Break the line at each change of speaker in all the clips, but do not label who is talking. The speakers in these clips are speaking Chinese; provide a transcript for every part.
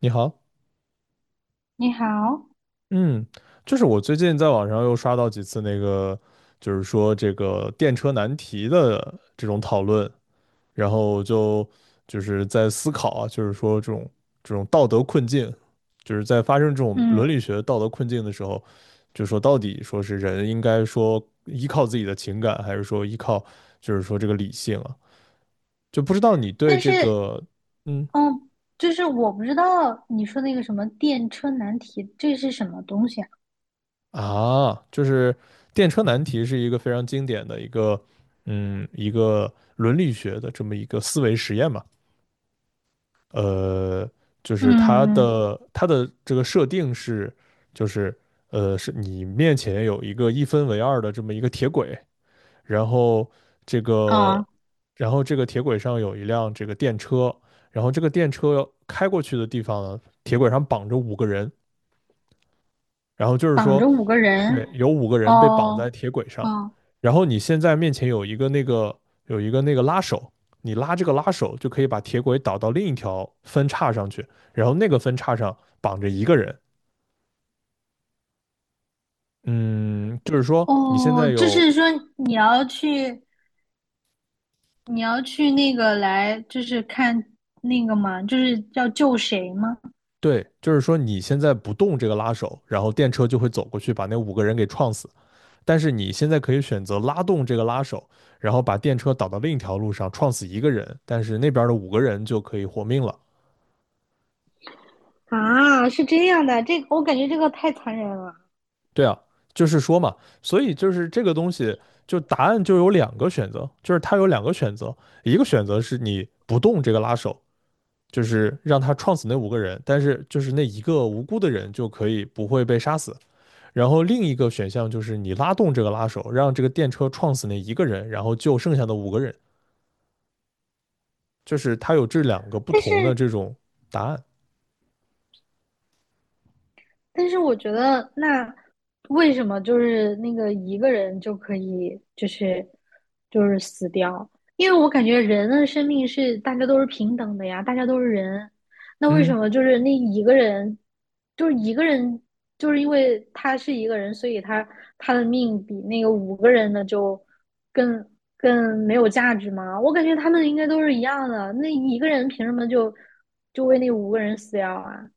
你好。
你好。
嗯，就是我最近在网上又刷到几次那个，就是说这个电车难题的这种讨论，然后就是在思考啊，就是说这种道德困境，就是在发生这种
嗯。
伦理学道德困境的时候，就说到底说是人应该说依靠自己的情感，还是说依靠就是说这个理性啊？就不知道你对
但
这
是，
个，嗯，
嗯，就是我不知道你说那个什么电车难题，这是什么东西啊？
啊，就是电车难题是一个非常经典的一个，嗯，一个伦理学的这么一个思维实验嘛。呃，就
嗯
是它
嗯。
的它的这个设定是，就是是你面前有一个一分为二的这么一个铁轨，然后这个，
啊，
然后这个铁轨上有一辆这个电车，然后这个电车开过去的地方呢，铁轨上绑着五个人，然后就是
绑
说，
着五个
对，
人。
有五个人被绑在
哦。
铁轨上，
哦
然后你现在面前有一个那个拉手，你拉这个拉手就可以把铁轨导到另一条分叉上去，然后那个分叉上绑着一个人。嗯，就是说你现
哦。
在
就
有，
是说你要去，你要去那个，就是看那个嘛，就是要救谁吗？
对，就是说你现在不动这个拉手，然后电车就会走过去把那五个人给撞死。但是你现在可以选择拉动这个拉手，然后把电车导到另一条路上，撞死一个人，但是那边的五个人就可以活命了。
啊，是这样的，这个我感觉这个太残忍了。
对啊，就是说嘛，所以就是这个东西，就答案就有两个选择，就是它有两个选择，一个选择是你不动这个拉手，就是让他撞死那五个人，但是就是那一个无辜的人就可以不会被杀死。然后另一个选项就是你拉动这个拉手，让这个电车撞死那一个人，然后救剩下的五个人，就是它有这两个不
但
同的
是
这种答案。
但是我觉得，那为什么就是那个一个人就可以，就是死掉？因为我感觉人的生命是大家都是平等的呀，大家都是人。那为什
嗯。
么就是那一个人，就是一个人，就是因为他是一个人，所以他的命比那个五个人的就更更没有价值吗？我感觉他们应该都是一样的。那一个人凭什么就为那五个人死掉啊？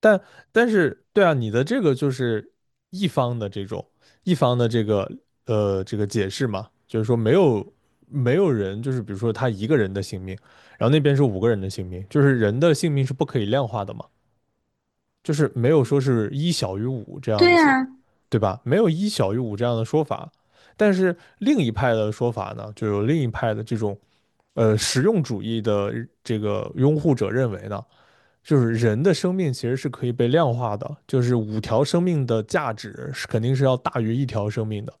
但但是，对啊，你的这个就是一方的这种一方的这个这个解释嘛，就是说没有人，就是比如说他一个人的性命，然后那边是五个人的性命，就是人的性命是不可以量化的嘛，就是没有说是一小于五这
对
样子，
呀。
对吧？没有一小于五这样的说法。但是另一派的说法呢，就有另一派的这种实用主义的这个拥护者认为呢。就是人的生命其实是可以被量化的，就是5条生命的价值是肯定是要大于1条生命的。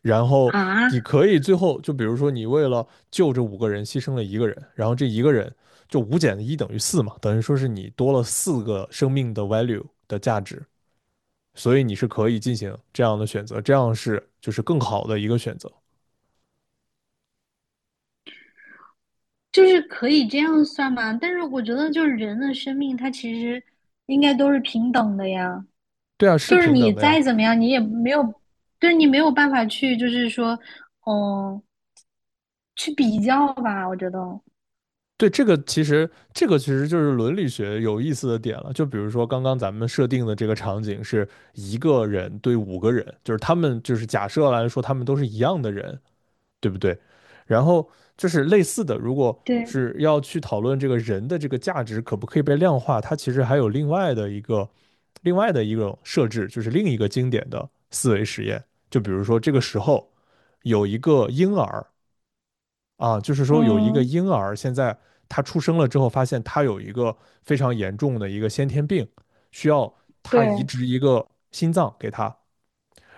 然后
啊，
你可以最后就比如说你为了救这五个人牺牲了一个人，然后这一个人就5减1等于4嘛，等于说是你多了4个生命的 value 的价值，所以你是可以进行这样的选择，这样是就是更好的一个选择。
就是可以这样算吗？但是我觉得，就是人的生命，它其实应该都是平等的呀。
对啊，是
就是
平
你
等的呀。
再怎么样，你也没有，就是你没有办法去，就是说，哦，去比较吧。我觉得，
对，这个其实就是伦理学有意思的点了。就比如说刚刚咱们设定的这个场景是一个人对五个人，就是他们就是假设来说他们都是一样的人，对不对？然后就是类似的，如果
对。
是要去讨论这个人的这个价值可不可以被量化，它其实还有另外的一种设置，就是另一个经典的思维实验。就比如说这个时候有一个婴儿，啊，就是说有一个
嗯。
婴儿现在他出生了之后，发现他有一个非常严重的一个先天病，需要他移
对。
植一个心脏给他。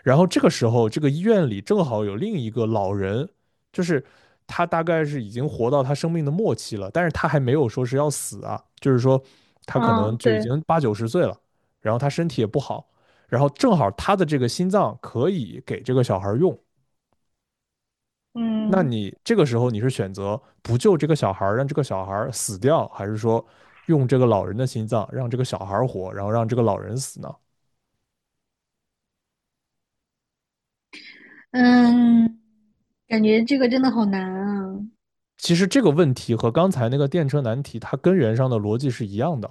然后这个时候，这个医院里正好有另一个老人，就是他大概是已经活到他生命的末期了，但是他还没有说是要死啊，就是说他可
嗯。
能就已
对。
经八九十岁了，然后他身体也不好，然后正好他的这个心脏可以给这个小孩用，那
嗯。
你这个时候你是选择不救这个小孩儿，让这个小孩儿死掉，还是说用这个老人的心脏让这个小孩儿活，然后让这个老人死呢？
嗯。感觉这个真的好难啊。
其实这个问题和刚才那个电车难题，它根源上的逻辑是一样的。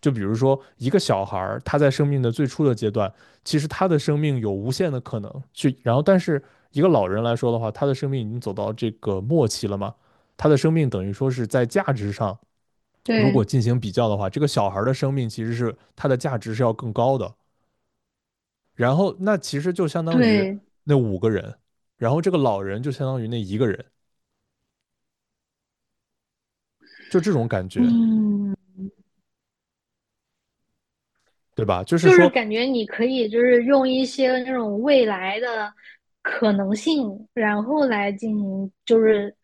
就比如说一个小孩儿，他在生命的最初的阶段，其实他的生命有无限的可能去，然后但是一个老人来说的话，他的生命已经走到这个末期了嘛，他的生命等于说是在价值上如果
对。
进行比较的话，这个小孩的生命其实是它的价值是要更高的。然后那其实就相当于
对。
那五个人，然后这个老人就相当于那一个人，就这种感觉，
嗯。
对吧？就是
就是
说，
感觉你可以就是用一些那种未来的可能性，然后来进行就是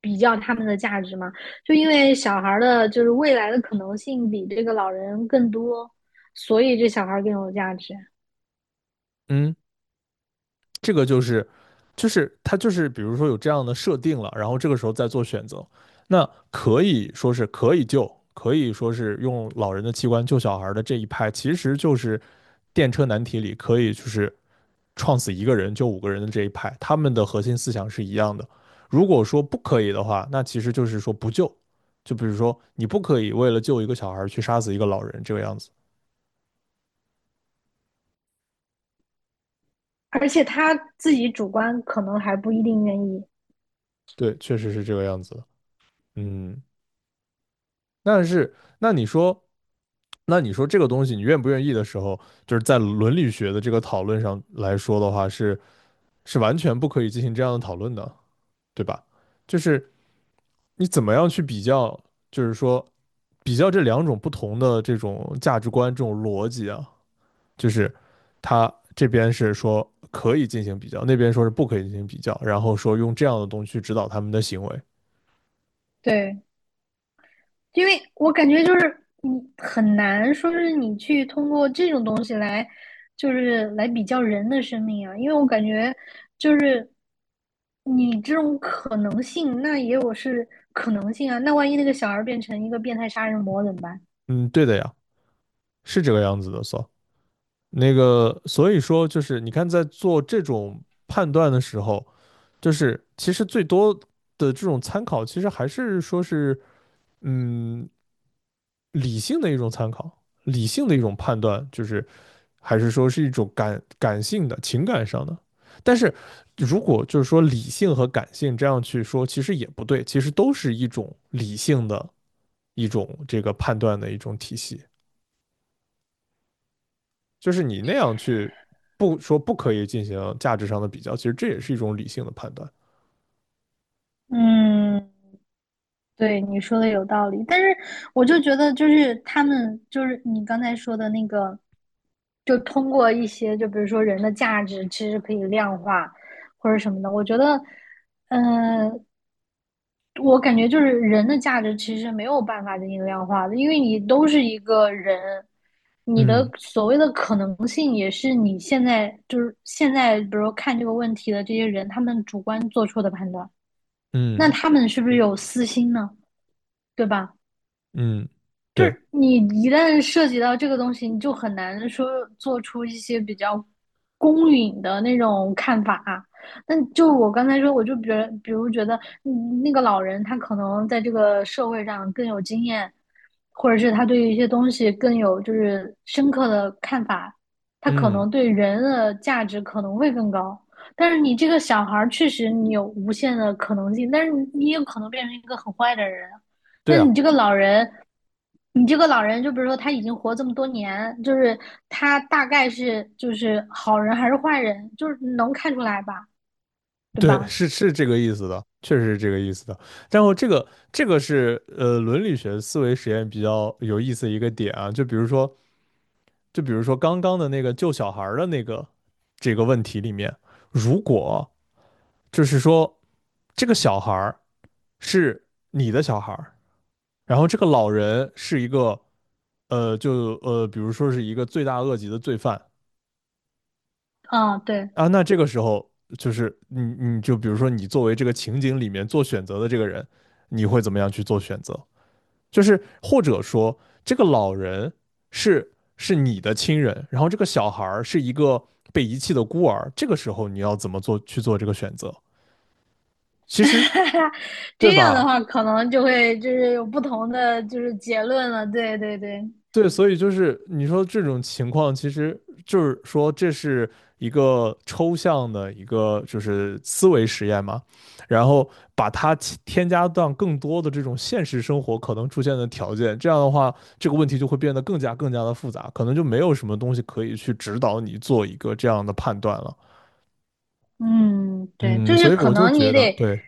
比较他们的价值嘛。就因为小孩的就是未来的可能性比这个老人更多，所以这小孩更有价值。
嗯，这个就是他就是比如说有这样的设定了，然后这个时候再做选择，那可以说是可以救，可以说是用老人的器官救小孩的这一派，其实就是电车难题里可以就是创死一个人就五个人的这一派，他们的核心思想是一样的。如果说不可以的话，那其实就是说不救。就比如说，你不可以为了救一个小孩去杀死一个老人，这个样子。
而且他自己主观可能还不一定愿意。
对，确实是这个样子的。嗯，但是那你说，那你说这个东西你愿不愿意的时候，就是在伦理学的这个讨论上来说的话，是完全不可以进行这样的讨论的，对吧？就是你怎么样去比较？就是说，比较这两种不同的这种价值观、这种逻辑啊，就是他这边是说可以进行比较，那边说是不可以进行比较，然后说用这样的东西去指导他们的行为。
对，因为我感觉就是你很难说是你去通过这种东西来，就是来比较人的生命啊，因为我感觉就是你这种可能性，那也有是可能性啊，那万一那个小孩变成一个变态杀人魔怎么办？
嗯，对的呀，是这个样子的，so。所那个，所以说就是你看，在做这种判断的时候，就是其实最多的这种参考，其实还是说是，嗯，理性的一种参考，理性的一种判断，就是还是说是一种感性的情感上的。但是如果就是说理性和感性这样去说，其实也不对，其实都是一种理性的一种这个判断的一种体系。就是你那样去不说不可以进行价值上的比较，其实这也是一种理性的判断。
嗯，对，你说的有道理，但是我就觉得，就是他们，就是你刚才说的那个，就通过一些，就比如说人的价值，其实可以量化或者什么的。我觉得，嗯，我感觉就是人的价值其实没有办法进行量化的，因为你都是一个人，你的
嗯
所谓的可能性也是你现在就是现在，比如说看这个问题的这些人，他们主观做出的判断，那
嗯。
他们是不是有私心呢？对吧？
嗯，
就
对，
是你一旦涉及到这个东西，你就很难说做出一些比较公允的那种看法啊。那就我刚才说，我就觉如比如觉得，嗯那个老人他可能在这个社会上更有经验，或者是他对于一些东西更有就是深刻的看法，他可
嗯，
能对人的价值可能会更高。但是你这个小孩儿确实你有无限的可能性，但是你也有可能变成一个很坏的人。
对
那
啊，
你这个老人，你这个老人，就比如说他已经活这么多年，就是他大概是就是好人还是坏人，就是能看出来吧，对
对，
吧？
是这个意思的，确实是这个意思的。然后这个这个是伦理学思维实验比较有意思的一个点啊，就比如说就比如说刚刚的那个救小孩儿的那个这个问题里面，如果就是说这个小孩儿是你的小孩儿，然后这个老人是一个呃就呃比如说是一个罪大恶极的罪犯。
嗯，对。
啊，那这个时候就是你就比如说你作为这个情景里面做选择的这个人，你会怎么样去做选择？就是或者说这个老人是是你的亲人，然后这个小孩儿是一个被遗弃的孤儿，这个时候你要怎么做去做这个选择？其实 对
这样的
吧？
话，可能就会就是有不同的就是结论了。对对对，
对，所以就是你说这种情况，其实就是说这是一个抽象的一个就是思维实验嘛，然后把它添加到更多的这种现实生活可能出现的条件，这样的话，这个问题就会变得更加更加的复杂，可能就没有什么东西可以去指导你做一个这样的判断了。
嗯，对，
嗯，
就是
所以
可
我就
能
觉
你
得，
得
对。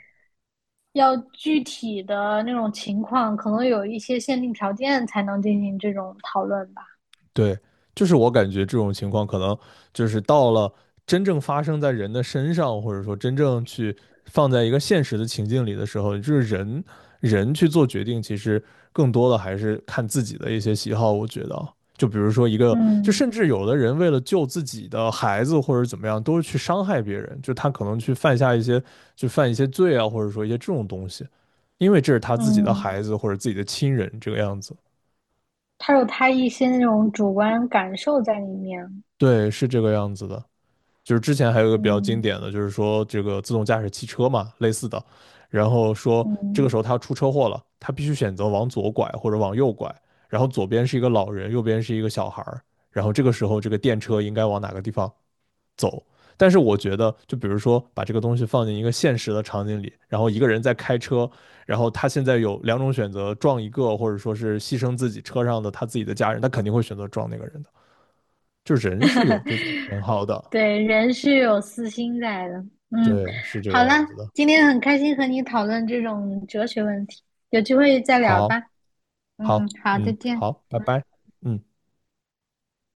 要具体的那种情况，可能有一些限定条件才能进行这种讨论吧。
对，就是我感觉这种情况可能就是到了真正发生在人的身上，或者说真正去放在一个现实的情境里的时候，就是人去做决定，其实更多的还是看自己的一些喜好。我觉得啊就比如说一个，就
嗯
甚至有的人为了救自己的孩子或者怎么样，都是去伤害别人，就他可能去犯下一些就犯一些罪啊，或者说一些这种东西，因为这是他自己的
嗯，
孩子或者自己的亲人这个样子。
他有他一些那种主观感受在里面。
对，是这个样子的。就是之前还有一个比较经
嗯
典的，就是说这个自动驾驶汽车嘛，类似的，然后说这个时
嗯。
候他出车祸了，他必须选择往左拐或者往右拐，然后左边是一个老人，右边是一个小孩儿，然后这个时候这个电车应该往哪个地方走？但是我觉得，就比如说把这个东西放进一个现实的场景里，然后一个人在开车，然后他现在有两种选择，撞一个或者说是牺牲自己车上的他自己的家人，他肯定会选择撞那个人的。就人是有这种 偏好的，
对，人是有私心在的。嗯。
对，是这个
好了，
样子的。
今天很开心和你讨论这种哲学问题，有机会再聊
好，
吧。
好，
嗯，好，再
嗯，
见。
好，拜拜，嗯。